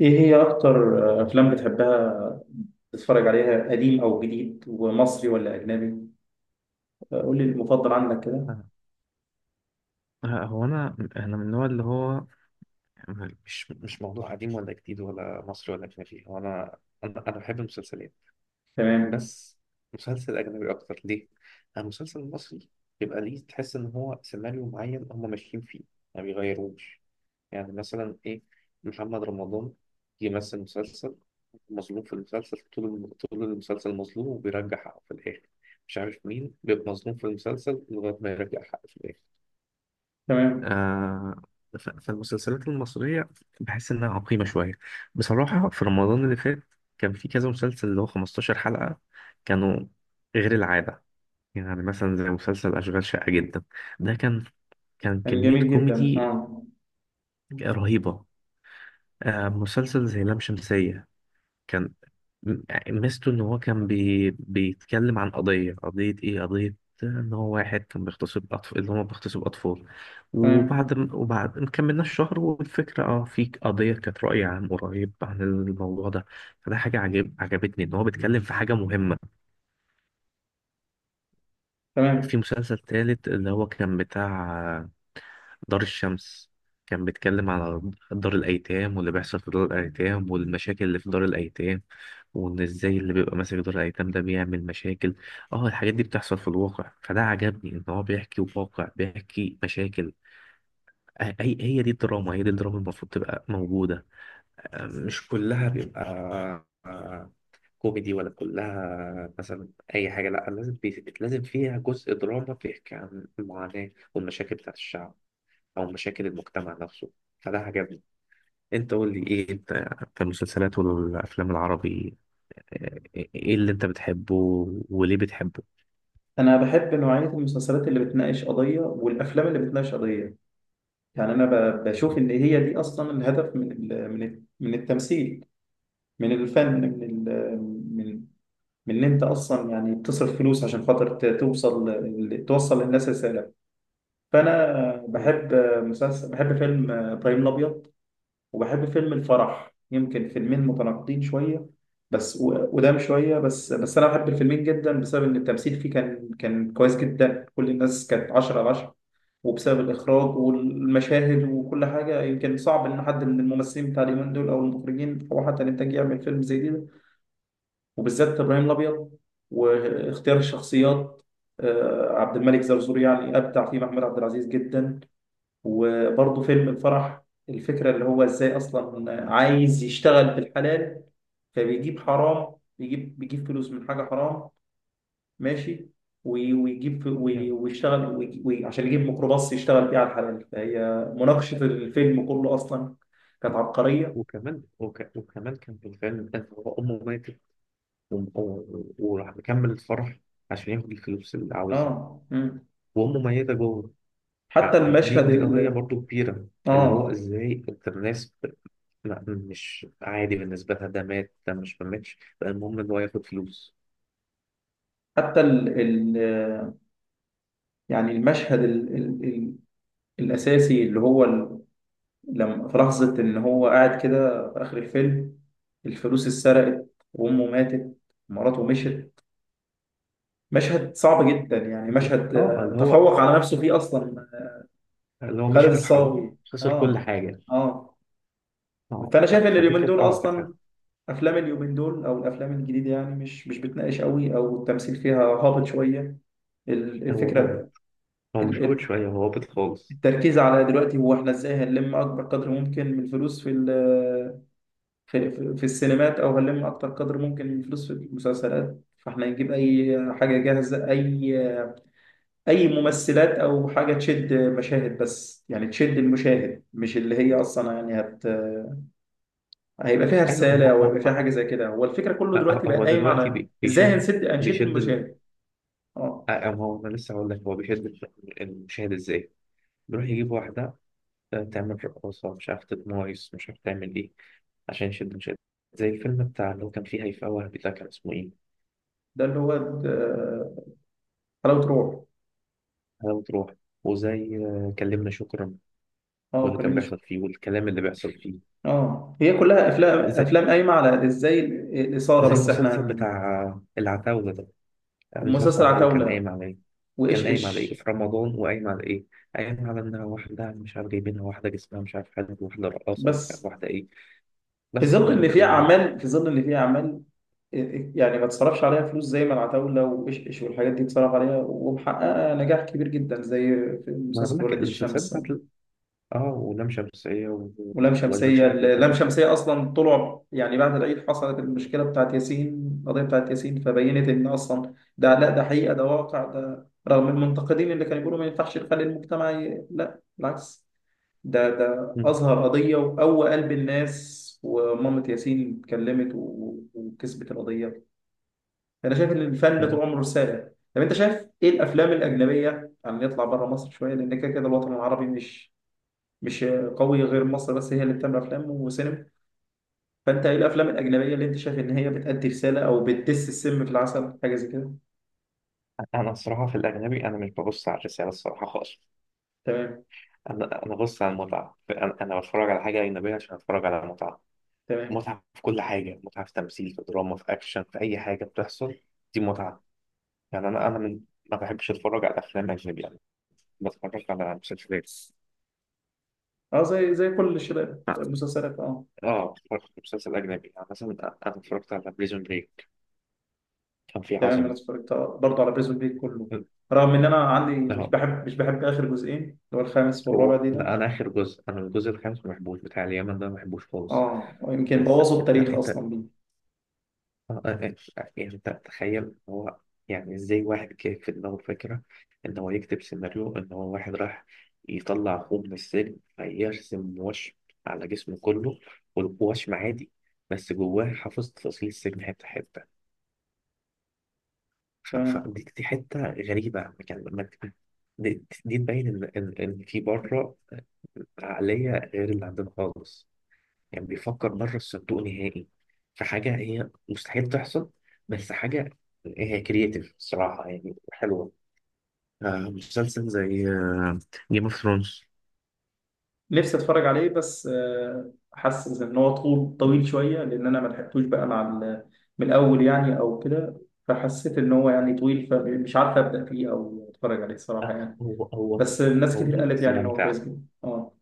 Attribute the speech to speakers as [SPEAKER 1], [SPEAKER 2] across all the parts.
[SPEAKER 1] ايه هي اكتر افلام بتحبها تتفرج عليها؟ قديم او جديد؟ ومصري ولا اجنبي؟ قول لي المفضل عندك كده.
[SPEAKER 2] آه، هو انا من النوع اللي هو يعني مش موضوع قديم ولا جديد ولا مصري ولا اجنبي هو انا بحب المسلسلات.
[SPEAKER 1] تمام.
[SPEAKER 2] بس مسلسل اجنبي اكتر ليه. أنا المسلسل المصري بيبقى ليه تحس ان هو سيناريو معين هم ماشيين فيه ما بيغيروش. يعني مثلا ايه، محمد رمضان يمثل مسلسل مظلوم في المسلسل، طول المسلسل مظلوم وبيرجع حقه في الاخر. مش عارف مين بيبقى مظلوم في المسلسل لغايه ما يرجع حقه في الاخر.
[SPEAKER 1] تمام.
[SPEAKER 2] آه، فالمسلسلات المصرية بحس إنها عقيمة شوية. بصراحة في رمضان اللي فات كان في كذا مسلسل اللي هو 15 حلقة، كانوا غير العادة. يعني مثلا زي مسلسل أشغال شقة جدا، ده كان
[SPEAKER 1] كان
[SPEAKER 2] كمية
[SPEAKER 1] جميل جدا.
[SPEAKER 2] كوميدي
[SPEAKER 1] اه،
[SPEAKER 2] رهيبة. آه، مسلسل زي لام شمسية كان ميزته ان هو كان بيتكلم عن قضيه. قضيه ايه؟ قضيه ان هو واحد كان بيغتصب اطفال، اللي هو بيغتصب اطفال.
[SPEAKER 1] تمام.
[SPEAKER 2] وبعد ما كملناش شهر والفكره، اه، في قضيه كانت راي عام قريب عن الموضوع ده. فده حاجه عجبتني، ان هو بيتكلم في حاجه مهمه.
[SPEAKER 1] تمام.
[SPEAKER 2] في مسلسل تالت اللي هو كان بتاع دار الشمس، كان بيتكلم على دار الأيتام واللي بيحصل في دار الأيتام والمشاكل اللي في دار الأيتام، وإن إزاي اللي بيبقى ماسك دار الأيتام ده بيعمل مشاكل. اه الحاجات دي بتحصل في الواقع، فده عجبني إن هو بيحكي واقع، بيحكي مشاكل. آه، هي دي الدراما، هي دي الدراما المفروض تبقى موجودة. آه، مش كلها بيبقى كوميدي، ولا كلها مثلا أي حاجة. لأ، لازم لازم فيها جزء دراما بيحكي عن المعاناة والمشاكل بتاعت الشعب أو مشاكل المجتمع نفسه. فده عجبني. أنت قول لي إيه أنت في المسلسلات والأفلام العربي، آه، إيه اللي أنت بتحبه وليه بتحبه؟
[SPEAKER 1] انا بحب نوعية المسلسلات اللي بتناقش قضية، والافلام اللي بتناقش قضية. يعني انا بشوف ان هي دي اصلا الهدف من التمثيل، من الفن، من من ان انت اصلا يعني بتصرف فلوس عشان خاطر توصل توصل للناس رسالة. فانا
[SPEAKER 2] مم.
[SPEAKER 1] بحب مسلسل، بحب فيلم ابراهيم الابيض، وبحب فيلم الفرح. يمكن فيلمين متناقضين شويه، بس وقدام شويه، بس بس انا بحب الفيلمين جدا بسبب ان التمثيل فيه كان كويس جدا. كل الناس كانت 10 على 10، وبسبب الاخراج والمشاهد وكل حاجه. يمكن صعب ان حد من الممثلين بتاع اليومين دول او المخرجين او حتى الانتاج يعمل فيلم زي ده، وبالذات ابراهيم الابيض واختيار الشخصيات. عبد الملك زرزور يعني ابدع فيه محمود عبد العزيز جدا. وبرضه فيلم الفرح، الفكرة اللي هو ازاي اصلا عايز يشتغل بالحلال، فبيجيب حرام، بيجيب فلوس من حاجة حرام. ماشي. ويجيب
[SPEAKER 2] نعم.
[SPEAKER 1] ويشتغل عشان يجيب ميكروباص يشتغل بيه على الحلال، فهي مناقشة الفيلم كله اصلا كانت عبقرية.
[SPEAKER 2] وكمان كان في الفيلم، أنت هو أمه ماتت وراح مكمل الفرح عشان ياخد الفلوس اللي عاوزها،
[SPEAKER 1] اه. مم.
[SPEAKER 2] وأمه ميتة جوه.
[SPEAKER 1] حتى
[SPEAKER 2] يعني دي
[SPEAKER 1] المشهد
[SPEAKER 2] دي قضية برضو كبيرة، اللي هو
[SPEAKER 1] اه،
[SPEAKER 2] ازاي انت الناس لا، مش عادي بالنسبة لها، ده مات، ده مش ما ماتش بقى، المهم ان هو ياخد فلوس.
[SPEAKER 1] حتى ال... يعني المشهد الاساسي اللي هو لما في لحظة إن هو قاعد كده في آخر الفيلم، الفلوس اتسرقت، وأمه ماتت، مراته مشت. مشهد صعب جدا، يعني مشهد
[SPEAKER 2] اه اللي هو،
[SPEAKER 1] تفوق على نفسه فيه أصلا.
[SPEAKER 2] اللي هو
[SPEAKER 1] خالد
[SPEAKER 2] مشي في الحرام،
[SPEAKER 1] الصاوي.
[SPEAKER 2] خسر كل
[SPEAKER 1] آه.
[SPEAKER 2] حاجة.
[SPEAKER 1] آه.
[SPEAKER 2] اه
[SPEAKER 1] فأنا شايف إن
[SPEAKER 2] فدي
[SPEAKER 1] اليومين
[SPEAKER 2] كانت
[SPEAKER 1] دول
[SPEAKER 2] اه كانت حاجة.
[SPEAKER 1] أصلا، أفلام اليومين دول أو الأفلام الجديدة، يعني مش بتناقش قوي، أو التمثيل فيها هابط شوية.
[SPEAKER 2] هو هابط،
[SPEAKER 1] الفكرة،
[SPEAKER 2] هو
[SPEAKER 1] ال-
[SPEAKER 2] مش هابط
[SPEAKER 1] ال-
[SPEAKER 2] شوية، هو هابط خالص.
[SPEAKER 1] التركيز على دلوقتي هو إحنا إزاي هنلم أكبر قدر ممكن من الفلوس في السينمات، او هنلم اكتر قدر ممكن من فلوس في المسلسلات. فاحنا نجيب اي حاجه جاهزه، اي ممثلات او حاجه تشد مشاهد، بس يعني تشد المشاهد، مش اللي هي اصلا يعني هيبقى فيها
[SPEAKER 2] ايوه،
[SPEAKER 1] رساله
[SPEAKER 2] ما
[SPEAKER 1] او
[SPEAKER 2] هو
[SPEAKER 1] هيبقى فيها حاجه
[SPEAKER 2] ما
[SPEAKER 1] زي كده. هو الفكره كله
[SPEAKER 2] هو
[SPEAKER 1] دلوقتي بقى
[SPEAKER 2] هو
[SPEAKER 1] قايم
[SPEAKER 2] دلوقتي
[SPEAKER 1] على ازاي
[SPEAKER 2] بيشد
[SPEAKER 1] هنشد
[SPEAKER 2] بيشد ال...
[SPEAKER 1] المشاهد. اه،
[SPEAKER 2] آه، ما هو انا لسه هقول لك هو بيشد المشاهد ازاي. بيروح يجيب واحدة تعمل رقاصة، مش عارف تتمايص، مش عارف تعمل ايه، عشان يشد مشاهد. زي الفيلم بتاع اللي هو كان فيه هيفاء وهبي، ده كان اسمه إيه؟
[SPEAKER 1] ده اللي هو حلاوه روح.
[SPEAKER 2] هلا وتروح. وزي آه، كلمنا شكرا،
[SPEAKER 1] اه،
[SPEAKER 2] واللي كان
[SPEAKER 1] كلمني
[SPEAKER 2] بيحصل
[SPEAKER 1] شويه.
[SPEAKER 2] فيه والكلام اللي بيحصل فيه.
[SPEAKER 1] اه، هي كلها افلام
[SPEAKER 2] آه، زي
[SPEAKER 1] افلام قايمه على ازاي الاثاره.
[SPEAKER 2] زي
[SPEAKER 1] بس احنا
[SPEAKER 2] المسلسل بتاع آه، العتاولة ده. يعني مسلسل
[SPEAKER 1] ومسلسل
[SPEAKER 2] العتاولة كان
[SPEAKER 1] عتاوله
[SPEAKER 2] قايم على إيه؟ كان
[SPEAKER 1] وايش
[SPEAKER 2] قايم على إيه
[SPEAKER 1] ايش.
[SPEAKER 2] في رمضان وقايم على إيه؟ قايم على إنها واحدة مش عارف جايبينها، واحدة جسمها مش عارف حاجة، واحدة رقاصة مش عارف،
[SPEAKER 1] بس
[SPEAKER 2] واحدة إيه. بس هو ده اللي بيعمله.
[SPEAKER 1] في ظل ان في اعمال، يعني ما تصرفش عليها فلوس زي ما العتاولة وإشش والحاجات دي اتصرف عليها، ومحققة نجاح كبير جدا، زي في
[SPEAKER 2] ما أنا بقول
[SPEAKER 1] مسلسل
[SPEAKER 2] لك
[SPEAKER 1] ولاد
[SPEAKER 2] المسلسلات
[SPEAKER 1] الشمس.
[SPEAKER 2] بتاعت آه، ولام شمسية
[SPEAKER 1] ولام
[SPEAKER 2] وأشغال
[SPEAKER 1] شمسية
[SPEAKER 2] شقة
[SPEAKER 1] لام
[SPEAKER 2] جدا
[SPEAKER 1] شمسية أصلا طلع، يعني بعد العيد حصلت المشكلة بتاعت ياسين، القضية بتاعت ياسين، فبينت إن أصلا ده. لا، ده حقيقة، ده واقع ده، رغم المنتقدين اللي كانوا بيقولوا ما ينفعش نخلي المجتمع لا بالعكس. ده أظهر قضية وقوى قلب الناس، ومامة ياسين اتكلمت وكسبت القضية. أنا شايف إن الفن
[SPEAKER 2] بقى.
[SPEAKER 1] طول عمره رسالة. طب أنت شايف إيه الأفلام الأجنبية؟ يعني نطلع بره مصر شوية، لأن كده كده الوطن العربي مش قوي غير مصر، بس هي اللي بتعمل أفلام وسينما. فأنت إيه الأفلام الأجنبية اللي أنت شايف إن هي بتأدي رسالة أو بتدس السم في العسل حاجة زي كده؟
[SPEAKER 2] انا الصراحه في الاجنبي انا مش ببص على الرساله الصراحه خالص.
[SPEAKER 1] تمام.
[SPEAKER 2] انا ببص على المتعه، انا بتفرج على حاجه اجنبيه عشان اتفرج على متعه.
[SPEAKER 1] تمام.
[SPEAKER 2] متعه في كل حاجه، متعه في تمثيل، في دراما، في اكشن، في اي حاجه بتحصل، دي متعه. يعني انا من، ما بحبش اتفرج على افلام اجنبي، يعني بتفرج على مسلسلات.
[SPEAKER 1] أه، زي كل الشباب،
[SPEAKER 2] اه،
[SPEAKER 1] مسلسلات. أه.
[SPEAKER 2] آه، اتفرجت على مسلسل اجنبي يعني مثلا، انا اتفرجت على بريزون بريك، كان فيه
[SPEAKER 1] تمام، انا
[SPEAKER 2] عظمه.
[SPEAKER 1] اتفرجت برضه على بريزون بيك كله، رغم ان انا عندي
[SPEAKER 2] اه،
[SPEAKER 1] مش بحب اخر جزئين اللي هو الخامس
[SPEAKER 2] هو
[SPEAKER 1] والرابع دي
[SPEAKER 2] لا،
[SPEAKER 1] ده.
[SPEAKER 2] انا اخر جزء، انا الجزء الخامس ما بحبوش، بتاع اليمن ده ما بحبوش خالص.
[SPEAKER 1] اه، يمكن
[SPEAKER 2] بس
[SPEAKER 1] بوظوا
[SPEAKER 2] انت
[SPEAKER 1] التاريخ
[SPEAKER 2] انت
[SPEAKER 1] اصلا بيه.
[SPEAKER 2] آه، آه، آه، يعني انت تخيل هو، يعني ازاي واحد كان في دماغه فكرة ان هو يكتب سيناريو، ان هو واحد راح يطلع اخوه من السجن فيرسم وشم على جسمه كله، والوشم عادي، بس جواه حافظ تفاصيل السجن حتة حتة.
[SPEAKER 1] تمام،
[SPEAKER 2] فدي دي حتة غريبة. يعني ما ت- دي تبين ان ان إن في بره عقلية غير اللي عندنا خالص، يعني بيفكر بره الصندوق نهائي، في حاجة هي مستحيل تحصل، بس حاجة هي كرييتيف الصراحة يعني حلوة. آه، مسلسل زي جيم اوف ثرونز،
[SPEAKER 1] نفسي اتفرج عليه، بس حاسس ان هو طويل شويه، لان انا ما لحقتوش بقى مع من الاول يعني او كده، فحسيت ان هو يعني طويل، فمش عارف ابدا فيه او اتفرج عليه الصراحه يعني.
[SPEAKER 2] هو
[SPEAKER 1] بس الناس كتير
[SPEAKER 2] طويل
[SPEAKER 1] قالت
[SPEAKER 2] بس
[SPEAKER 1] يعني ان هو كويس
[SPEAKER 2] ممتع.
[SPEAKER 1] جدا. اه.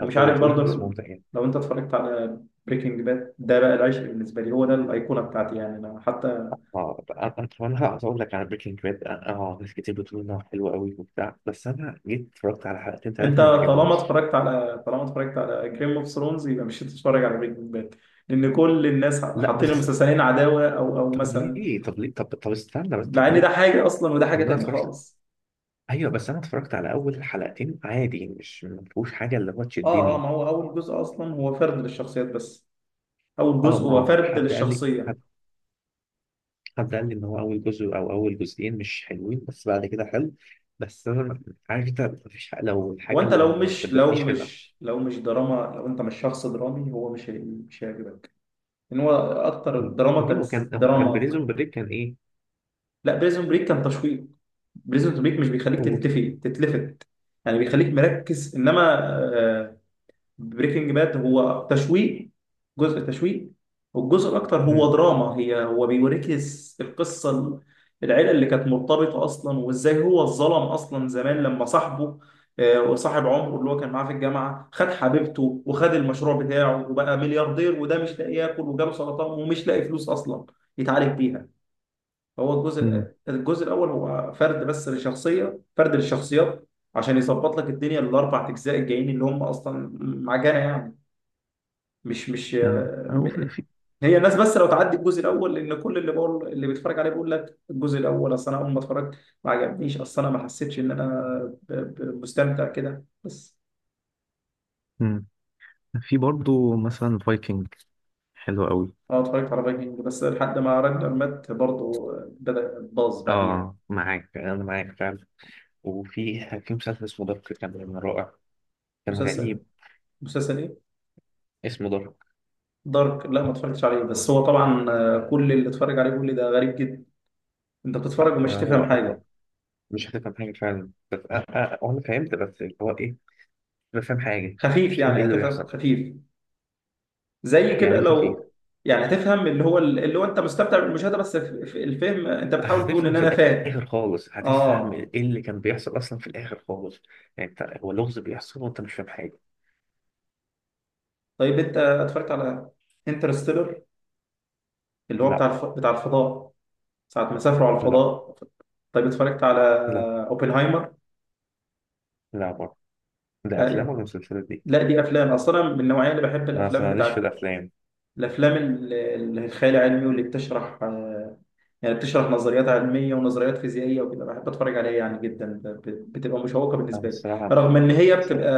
[SPEAKER 2] آه، هو
[SPEAKER 1] عارف
[SPEAKER 2] طويل
[SPEAKER 1] برضه.
[SPEAKER 2] بس ممتع يعني.
[SPEAKER 1] لو انت اتفرجت على بريكنج باد، ده بقى العشق بالنسبه لي، هو ده الايقونه بتاعتي، يعني انا حتى.
[SPEAKER 2] اه انا هقعد اقول لك على بريكنج باد، اه آه، ناس كتير بتقول انه حلو قوي وبتاع، بس انا جيت اتفرجت على حلقتين
[SPEAKER 1] انت
[SPEAKER 2] ثلاثه ما عجبنيش.
[SPEAKER 1] طالما اتفرجت على جيم اوف ثرونز، يبقى مش هتتفرج على بريكنج باد، لان كل الناس
[SPEAKER 2] لا
[SPEAKER 1] حاطين
[SPEAKER 2] بس،
[SPEAKER 1] المسلسلين عداوه، او
[SPEAKER 2] طب
[SPEAKER 1] مثلا،
[SPEAKER 2] ليه طب ليه طب طب استنى بس، طب
[SPEAKER 1] مع ان ده
[SPEAKER 2] ليه؟
[SPEAKER 1] حاجه اصلا وده
[SPEAKER 2] طب
[SPEAKER 1] حاجه
[SPEAKER 2] ما انا
[SPEAKER 1] تانيه
[SPEAKER 2] اتفرجت.
[SPEAKER 1] خالص.
[SPEAKER 2] ايوه بس انا اتفرجت على اول حلقتين عادي، مش ما فيهوش حاجه اللي هو
[SPEAKER 1] اه، اه،
[SPEAKER 2] تشدني.
[SPEAKER 1] ما هو اول جزء اصلا هو فرد للشخصيات بس، اول
[SPEAKER 2] اه
[SPEAKER 1] جزء
[SPEAKER 2] ما
[SPEAKER 1] هو
[SPEAKER 2] هو
[SPEAKER 1] فرد للشخصيه.
[SPEAKER 2] حد قال لي ان هو اول جزء او اول جزئين مش حلوين بس بعد كده حلو. بس انا ما- عارف انت ما فيش لو الحاجه
[SPEAKER 1] وانت
[SPEAKER 2] اللي ما شدتنيش حلوه.
[SPEAKER 1] لو مش دراما، لو انت مش شخص درامي، هو مش هيعجبك. ان هو اكتر دراما
[SPEAKER 2] ليه هو
[SPEAKER 1] تمس
[SPEAKER 2] كان، هو كان
[SPEAKER 1] دراما.
[SPEAKER 2] بريزون بريك كان ايه.
[SPEAKER 1] لا، بريزون بريك كان تشويق. بريزون بريك مش بيخليك
[SPEAKER 2] هو،
[SPEAKER 1] تتلفت، يعني بيخليك مركز. انما بريكنج باد هو تشويق، جزء تشويق، والجزء الاكتر هو
[SPEAKER 2] مم.
[SPEAKER 1] دراما. هو بيوريك القصه العيله اللي كانت مرتبطه اصلا، وازاي هو اتظلم اصلا زمان لما صاحبه، وصاحب عمره اللي هو كان معاه في الجامعه خد حبيبته وخد المشروع بتاعه وبقى ملياردير، وده مش لاقي ياكل وجاله سرطان ومش لاقي فلوس اصلا يتعالج بيها. هو
[SPEAKER 2] امم،
[SPEAKER 1] الجزء الاول هو فرد بس لشخصيه، فرد للشخصيات، عشان يظبط لك الدنيا الاربع اجزاء الجايين اللي هم اصلا معجنه يعني. مش مش
[SPEAKER 2] آه. أو في
[SPEAKER 1] م-
[SPEAKER 2] في
[SPEAKER 1] هي الناس بس لو تعدي الجزء الاول، لان كل اللي بقول، اللي بيتفرج عليه بيقول لك الجزء الاول. اصل انا اول ما اتفرجت ما عجبنيش، اصل انا ما حسيتش ان انا مستمتع كده بس.
[SPEAKER 2] مم. في برضه مثلا فايكنج، حلو قوي.
[SPEAKER 1] انا اتفرجت على فايكنج بس لحد ما راجنر مات، برضه بدأ باظ بعديها.
[SPEAKER 2] اه معاك، انا معاك فعلا. وفي، في مسلسل اسمه دارك، كان رائع، كان غريب.
[SPEAKER 1] مسلسل مسلسل ايه؟
[SPEAKER 2] اسمه دارك.
[SPEAKER 1] دارك؟ لا، ما اتفرجتش عليه، بس هو طبعا كل اللي اتفرج عليه بيقول لي ده غريب جدا، انت بتتفرج
[SPEAKER 2] هو
[SPEAKER 1] ومش
[SPEAKER 2] هو
[SPEAKER 1] هتفهم
[SPEAKER 2] هو
[SPEAKER 1] حاجه.
[SPEAKER 2] مش هتفهم حاجة فعلا، بس أنا فهمت بس اللي هو إيه، مش فاهم حاجة،
[SPEAKER 1] خفيف
[SPEAKER 2] مش فاهم إيه
[SPEAKER 1] يعني،
[SPEAKER 2] اللي
[SPEAKER 1] هتفهم
[SPEAKER 2] بيحصل.
[SPEAKER 1] خفيف، زي
[SPEAKER 2] يعني
[SPEAKER 1] كده
[SPEAKER 2] إيه
[SPEAKER 1] لو
[SPEAKER 2] خفيف؟
[SPEAKER 1] يعني هتفهم، اللي هو انت مستمتع بالمشاهده، بس في الفهم انت بتحاول تقول
[SPEAKER 2] هتفهم
[SPEAKER 1] ان
[SPEAKER 2] في
[SPEAKER 1] انا فاهم.
[SPEAKER 2] الآخر خالص، هتفهم
[SPEAKER 1] اه.
[SPEAKER 2] إيه اللي كان بيحصل أصلا في الآخر خالص. يعني أنت هو لغز بيحصل وأنت مش فاهم حاجة.
[SPEAKER 1] طيب انت اتفرجت على انترستيلر، اللي هو
[SPEAKER 2] لا.
[SPEAKER 1] بتاع الفضاء، ساعه ما سافروا على
[SPEAKER 2] لا.
[SPEAKER 1] الفضاء؟ طيب اتفرجت على
[SPEAKER 2] لا.
[SPEAKER 1] اوبنهايمر؟
[SPEAKER 2] لا برضه. ده
[SPEAKER 1] آه،
[SPEAKER 2] أفلام
[SPEAKER 1] يعني.
[SPEAKER 2] ولا مسلسلات دي؟
[SPEAKER 1] لا، دي افلام اصلا من النوعيه اللي بحب،
[SPEAKER 2] أنا أصلا
[SPEAKER 1] الافلام
[SPEAKER 2] ماليش في
[SPEAKER 1] بتاعت
[SPEAKER 2] الأفلام.
[SPEAKER 1] الافلام الخيال العلمي، واللي بتشرح يعني بتشرح نظريات علمية ونظريات فيزيائية وكده، بحب أتفرج عليها يعني جدا، بتبقى مشوقة
[SPEAKER 2] أنا
[SPEAKER 1] بالنسبة لي.
[SPEAKER 2] الصراحة،
[SPEAKER 1] رغم إن هي
[SPEAKER 2] الصراحة
[SPEAKER 1] بتبقى،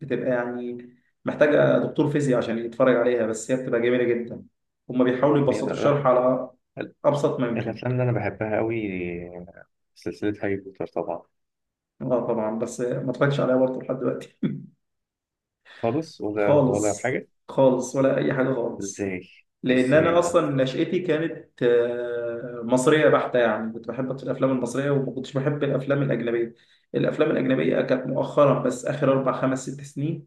[SPEAKER 1] يعني محتاجة دكتور فيزياء عشان يتفرج عليها، بس هي بتبقى جميلة جدا. هما بيحاولوا
[SPEAKER 2] يعني،
[SPEAKER 1] يبسطوا الشرح على
[SPEAKER 2] أنا-
[SPEAKER 1] أبسط ما يمكن.
[SPEAKER 2] الأفلام اللي أنا بحبها أوي سلسلة هاري بوتر طبعا.
[SPEAKER 1] اه، طبعا، بس ما اتفرجتش عليها برضه لحد دلوقتي.
[SPEAKER 2] خالص، ولا
[SPEAKER 1] خالص.
[SPEAKER 2] حاجة.
[SPEAKER 1] خالص ولا اي حاجه خالص.
[SPEAKER 2] إزاي؟
[SPEAKER 1] لان
[SPEAKER 2] إزاي
[SPEAKER 1] انا
[SPEAKER 2] يا
[SPEAKER 1] اصلا نشأتي كانت مصريه بحته، يعني كنت بحب أكتر الافلام المصريه وما كنتش بحب الافلام الاجنبيه. الافلام الاجنبيه كانت مؤخرا، بس اخر 4 5 6 سنين،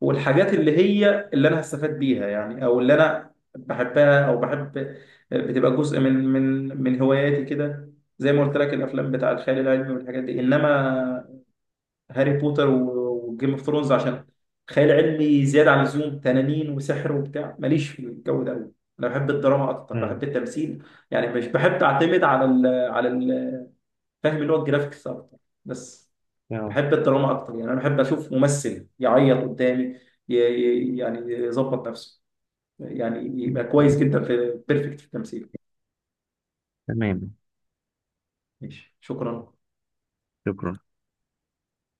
[SPEAKER 1] والحاجات اللي هي اللي انا هستفاد بيها يعني، او اللي انا بحبها او بحب، بتبقى جزء من هواياتي كده، زي ما قلت لك، الافلام بتاع الخيال العلمي والحاجات دي. انما هاري بوتر وجيم اوف ثرونز، عشان خيال علمي زياده عن اللزوم، تنانين وسحر وبتاع، ماليش في الجو ده قوي. انا بحب الدراما اكتر، بحب
[SPEAKER 2] عم؟
[SPEAKER 1] التمثيل، يعني مش بحب اعتمد فاهم اللي هو الجرافيكس اكتر بس.
[SPEAKER 2] يا رب.
[SPEAKER 1] بحب الدراما اكتر، يعني انا بحب اشوف ممثل يعيط قدامي، يعني يظبط نفسه، يعني يبقى كويس
[SPEAKER 2] طيب،
[SPEAKER 1] جدا، في بيرفكت في التمثيل.
[SPEAKER 2] تمام.
[SPEAKER 1] ماشي، شكرا.
[SPEAKER 2] شكرا.